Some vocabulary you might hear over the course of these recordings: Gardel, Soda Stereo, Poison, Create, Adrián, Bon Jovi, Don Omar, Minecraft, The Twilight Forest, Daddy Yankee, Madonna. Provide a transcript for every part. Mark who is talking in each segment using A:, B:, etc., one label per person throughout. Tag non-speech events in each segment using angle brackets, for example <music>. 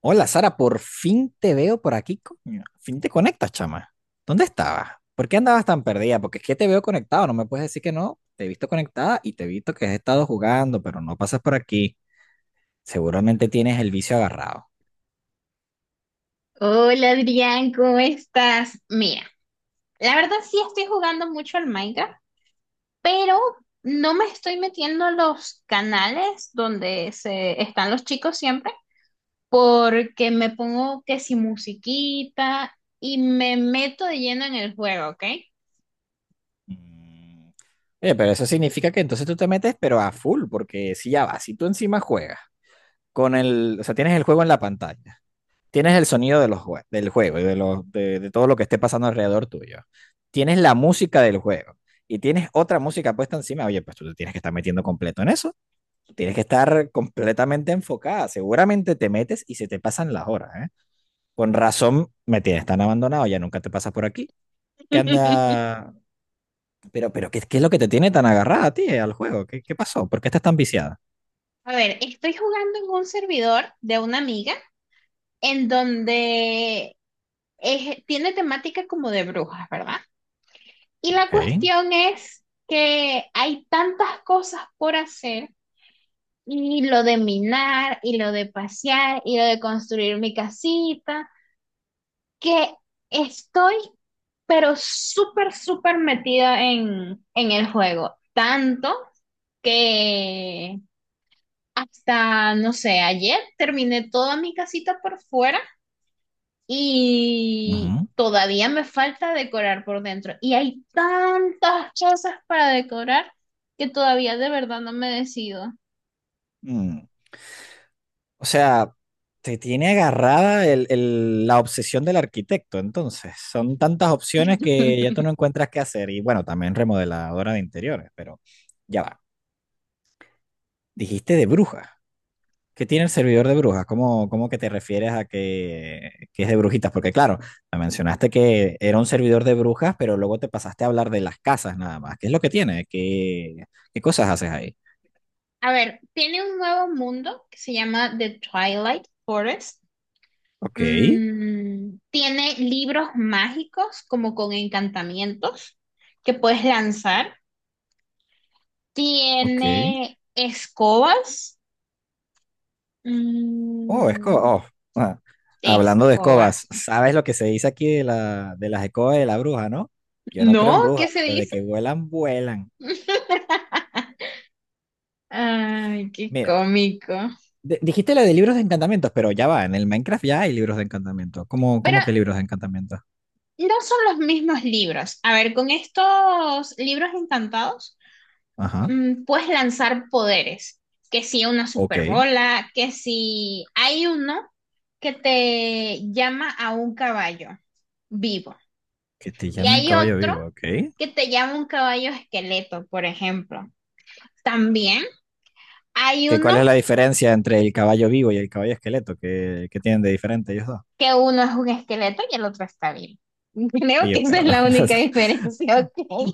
A: Hola Sara, por fin te veo por aquí, coño. Fin te conectas, chama. ¿Dónde estabas? ¿Por qué andabas tan perdida? Porque es que te veo conectado, no me puedes decir que no. Te he visto conectada y te he visto que has estado jugando, pero no pasas por aquí. Seguramente tienes el vicio agarrado.
B: Hola Adrián, ¿cómo estás? Mira, la verdad sí estoy jugando mucho al Minecraft, pero no me estoy metiendo a los canales donde se están los chicos siempre, porque me pongo que si musiquita y me meto de lleno en el juego, ¿ok?
A: Mm. Oye, pero eso significa que entonces tú te metes, pero a full, porque si ya vas, si tú encima juegas con el, o sea, tienes el juego en la pantalla. Tienes el sonido de del juego y de todo lo que esté pasando alrededor tuyo. Tienes la música del juego y tienes otra música puesta encima. Oye, pues tú te tienes que estar metiendo completo en eso. Tienes que estar completamente enfocada. Seguramente te metes y se te pasan las horas, ¿eh? Con razón me tienes tan abandonado, ya nunca te pasas por aquí. ¿Qué
B: <laughs>
A: anda? Pero ¿qué es lo que te tiene tan agarrada a ti, al juego? ¿Qué pasó? ¿Por qué estás tan viciada?
B: A ver, estoy jugando en un servidor de una amiga en donde tiene temática como de brujas, ¿verdad? Y la
A: Ok.
B: cuestión es que hay tantas cosas por hacer, y lo de minar, y lo de pasear, y lo de construir mi casita, que estoy pero súper, súper metida en el juego. Tanto que hasta, no sé, ayer terminé toda mi casita por fuera. Y
A: Ujú.
B: todavía me falta decorar por dentro. Y hay tantas cosas para decorar que todavía de verdad no me decido.
A: Mm. O sea, te tiene agarrada la obsesión del arquitecto, entonces. Son tantas opciones que ya tú no
B: <laughs>
A: encuentras qué hacer. Y bueno, también remodeladora de interiores, pero ya va. Dijiste de brujas. ¿Qué tiene el servidor de brujas? ¿Cómo que te refieres a que es de brujitas? Porque claro, me mencionaste que era un servidor de brujas, pero luego te pasaste a hablar de las casas nada más. ¿Qué es lo que tiene? ¿Qué qué cosas haces ahí?
B: A ver, tiene un nuevo mundo que se llama The Twilight Forest.
A: Ok,
B: Mm, tiene libros mágicos como con encantamientos que puedes lanzar.
A: ok.
B: Tiene escobas.
A: Oh, escoba.
B: Mm,
A: Oh, ah. Hablando de escobas,
B: escobas.
A: ¿sabes lo que se dice aquí de, la, de las escobas de la bruja, no? Yo no creo en
B: No,
A: brujas,
B: ¿qué se
A: pero de
B: dice?
A: que vuelan, vuelan.
B: Ay, qué
A: Mira,
B: cómico.
A: de- dijiste lo de libros de encantamientos, pero ya va, en el Minecraft ya hay libros de encantamiento. ¿Cómo,
B: Pero
A: cómo que libros de encantamiento?
B: no son los mismos libros. A ver, con estos libros encantados,
A: Ajá,
B: puedes lanzar poderes. Que si una
A: ok.
B: superbola, que si hay uno que te llama a un caballo vivo.
A: Que te
B: Y
A: llama un
B: hay
A: caballo
B: otro
A: vivo, ok.
B: que te llama un caballo esqueleto, por ejemplo. También hay
A: ¿Que
B: uno
A: cuál es la diferencia entre el caballo vivo y el caballo esqueleto? ¿Qué, ¿qué tienen de diferente ellos dos?
B: que uno es un esqueleto y el otro está vivo. <laughs> Creo
A: Oye,
B: que esa es
A: pero
B: la única
A: <laughs>
B: diferencia, ¿ok?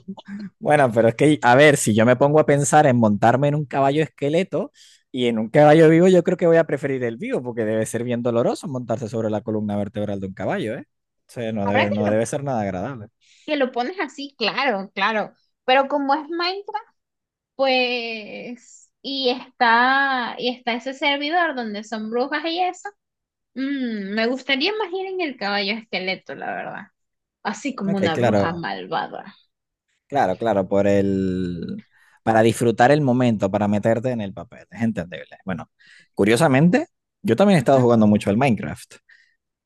A: bueno, pero es que, a ver, si yo me pongo a pensar en montarme en un caballo esqueleto y en un caballo vivo, yo creo que voy a preferir el vivo, porque debe ser bien doloroso montarse sobre la columna vertebral de un caballo, ¿eh? O sea,
B: Ahora
A: no
B: que
A: debe ser nada agradable.
B: que lo pones así, claro, claro. Pero como es Minecraft, pues, y está ese servidor donde son brujas y eso, me gustaría más ir en el caballo esqueleto, la verdad. Así como
A: Ok,
B: una bruja
A: claro,
B: malvada.
A: claro, claro, por el... para disfrutar el momento, para meterte en el papel, es entendible. Bueno, curiosamente, yo también he estado
B: Ujú.
A: jugando mucho al Minecraft,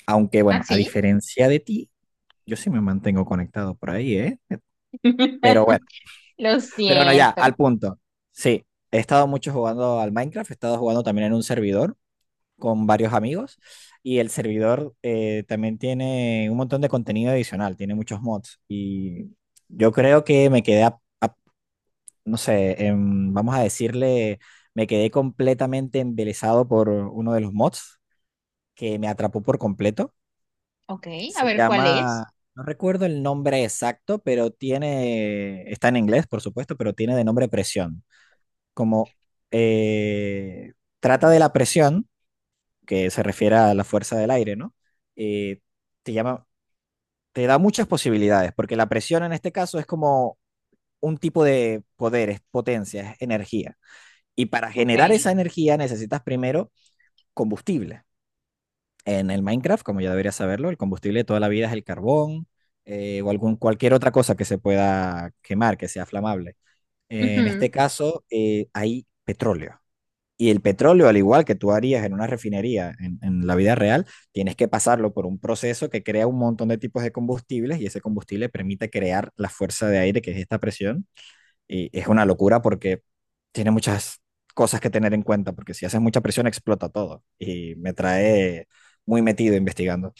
A: aunque bueno, a
B: Así.
A: diferencia de ti, yo sí me mantengo conectado por ahí, ¿eh? Pero
B: <laughs>
A: bueno.
B: Lo
A: Pero bueno, ya, al
B: siento.
A: punto. Sí, he estado mucho jugando al Minecraft, he estado jugando también en un servidor con varios amigos y el servidor también tiene un montón de contenido adicional, tiene muchos mods y yo creo que me quedé, no sé, vamos a decirle, me quedé completamente embelesado por uno de los mods que me atrapó por completo.
B: Ok, a
A: Se
B: ver cuál es.
A: llama, no recuerdo el nombre exacto, pero tiene, está en inglés, por supuesto, pero tiene de nombre presión como eh, trata
B: Mm.
A: de la presión, que se refiere a la fuerza del aire, ¿no? Eh, te llama, te da muchas posibilidades, porque la presión en este caso es como un tipo de poder, es potencia, es energía. Y para
B: Ok.
A: generar esa energía necesitas primero combustible. En el Minecraft, como ya deberías saberlo, el combustible de toda la vida es el carbón o algún, cualquier otra cosa que se pueda quemar, que sea flamable. En este
B: Ujú.
A: caso, hay petróleo. Y el petróleo, al igual que tú harías en una refinería la vida real, tienes que pasarlo por un proceso que crea un montón de tipos de combustibles y ese combustible permite crear la fuerza de aire, que es esta presión. Y es una locura porque tiene muchas cosas que tener en cuenta, porque si haces mucha presión explota todo. Y me trae muy metido investigando.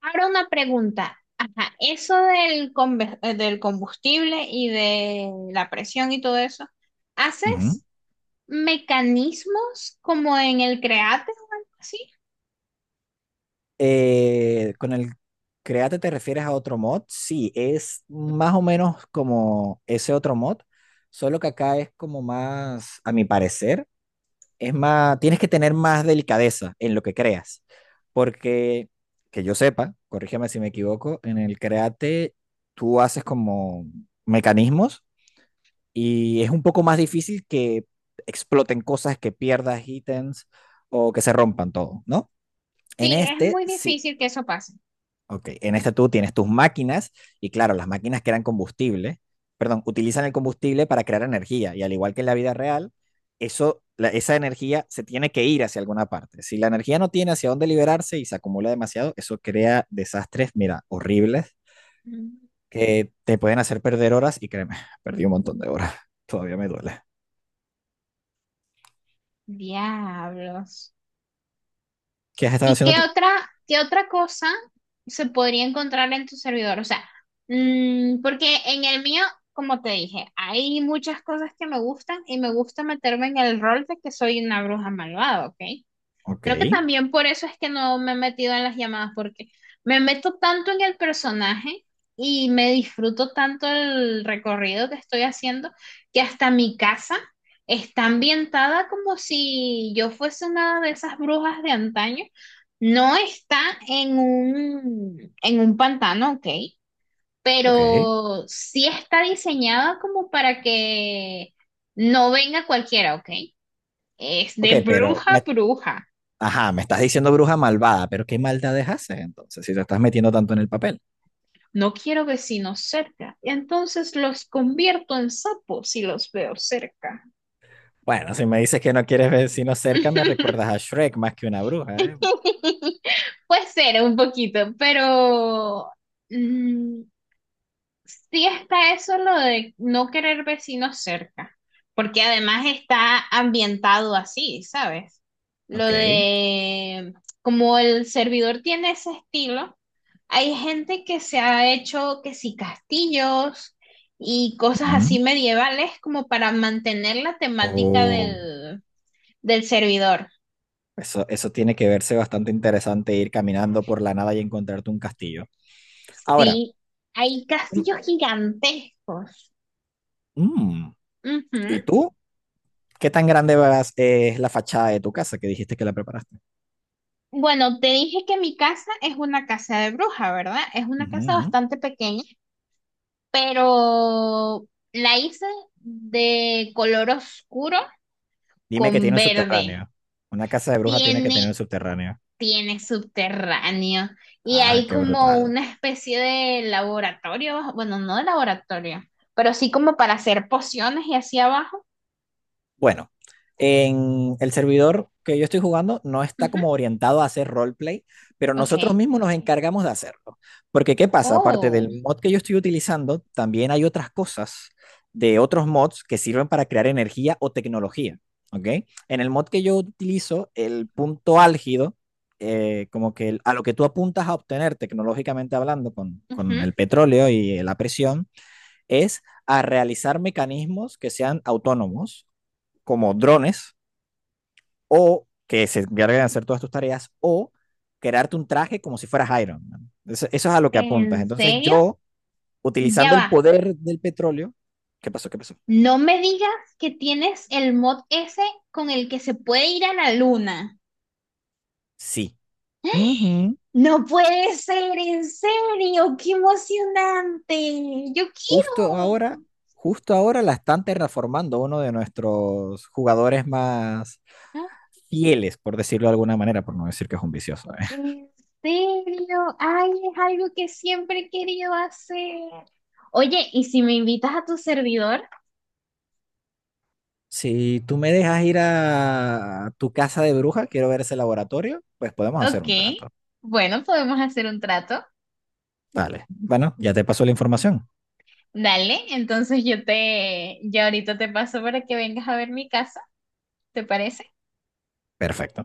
B: Ahora una pregunta. Ajá, eso del, del combustible y de la presión y todo eso.
A: Uh -huh.
B: ¿Haces mecanismos como en el Create o algo así?
A: Con el Create te refieres a otro mod. Sí, es más o menos como ese otro mod, solo que acá es como más, a mi parecer, es más, tienes que tener más delicadeza en lo que creas, porque que yo sepa, corrígeme si me equivoco, en el Create tú haces como mecanismos y es un poco más difícil que exploten cosas, que pierdas ítems o que se rompan todo, ¿no? En
B: Sí, es
A: este,
B: muy
A: sí,
B: difícil que eso pase.
A: ok, en este tú tienes tus máquinas y claro, las máquinas crean combustible, perdón, utilizan el combustible para crear energía y al igual que en la vida real, eso, la- esa energía se tiene que ir hacia alguna parte. Si la energía no tiene hacia dónde liberarse y se acumula demasiado, eso crea desastres, mira, horribles
B: Mm.
A: que te pueden hacer perder horas y créeme, <laughs> perdí un montón de horas, <laughs> todavía me duele.
B: Diablos.
A: ¿Qué has estado
B: ¿Y
A: haciendo tú?
B: qué otra cosa se podría encontrar en tu servidor? O sea, porque en el mío, como te dije, hay muchas cosas que me gustan y me gusta meterme en el rol de que soy una bruja malvada, ¿ok?
A: Ok,
B: Creo que también por eso es que no me he metido en las llamadas, porque me meto tanto en el personaje y me disfruto tanto el recorrido que estoy haciendo, que hasta mi casa está ambientada como si yo fuese una de esas brujas de antaño. No está en un pantano, ok,
A: ok,
B: pero sí está diseñada como para que no venga cualquiera, ok. Es
A: ok,
B: de
A: pero
B: bruja a
A: me,
B: bruja.
A: ajá, me estás diciendo bruja malvada, pero ¿qué maldades haces entonces si te estás metiendo tanto en el papel?
B: No quiero vecinos cerca. Entonces los convierto en sapos si los veo cerca.
A: Bueno, si me dices que no quieres vecinos cerca, me recuerdas
B: <laughs>
A: a Shrek más que una bruja, ¿eh?
B: Puede ser un poquito, pero mm, sí está eso lo de no querer vecinos cerca, porque además está ambientado así, ¿sabes? Lo
A: Ok.
B: de como el servidor tiene ese estilo, hay gente que se ha hecho que sí castillos y cosas así
A: Ujú.
B: medievales como para mantener la temática
A: Oh,
B: del, del servidor.
A: eso tiene que verse bastante interesante ir caminando por la nada y encontrarte un castillo. Ahora,
B: Sí, hay
A: mm,
B: castillos gigantescos.
A: mm,
B: Ujú.
A: ¿y tú? ¿Qué tan grande vas- es la fachada de tu casa que dijiste que la preparaste?
B: Bueno, te dije que mi casa es una casa de bruja, ¿verdad? Es una
A: Ujú,
B: casa
A: ujú.
B: bastante pequeña, pero la hice de color oscuro
A: Dime que
B: con
A: tiene un
B: verde.
A: subterráneo. Una casa de bruja tiene que
B: Tiene,
A: tener un subterráneo.
B: tiene subterráneo y
A: Ah,
B: hay
A: qué
B: como
A: brutal.
B: una especie de laboratorio, bueno, no de laboratorio, pero sí como para hacer pociones y hacia abajo.
A: Bueno, en el servidor que yo estoy jugando no está
B: Ujú.
A: como orientado a hacer roleplay, pero
B: Ok.
A: nosotros mismos nos encargamos de hacerlo. Porque ¿qué pasa? Aparte
B: Oh,
A: del mod que yo estoy utilizando, también hay otras cosas de otros mods que sirven para crear energía o tecnología, ¿ok? En el mod que yo utilizo, el punto álgido, como que el- a lo que tú apuntas a obtener tecnológicamente hablando
B: ujú.
A: con el petróleo y la presión, es a realizar mecanismos que sean autónomos como drones o que se encarguen de hacer todas tus tareas o crearte un traje como si fueras Iron Man. Eso es a lo que apuntas.
B: ¿En
A: Entonces
B: serio?
A: yo,
B: Ya
A: utilizando el
B: va.
A: poder del petróleo, ¿qué pasó? ¿Qué pasó?
B: No me digas que tienes el mod ese con el que se puede ir a la luna.
A: Sí. Ujú.
B: No puede ser, en serio, qué emocionante. Yo
A: Justo
B: quiero.
A: ahora, justo ahora la están terraformando uno de nuestros jugadores más
B: Ah,
A: fieles, por decirlo de alguna manera, por no decir que es un vicioso, ¿eh?
B: en serio, ay, es algo que siempre he querido hacer. Oye, ¿y si me invitas a tu servidor?
A: Si tú me dejas ir a tu casa de bruja, quiero ver ese laboratorio, pues podemos hacer
B: Ok,
A: un trato.
B: bueno, podemos hacer un trato.
A: Vale. Bueno, ya te pasó la información.
B: Dale, entonces yo te, ya ahorita te paso para que vengas a ver mi casa, ¿te parece?
A: Perfecto.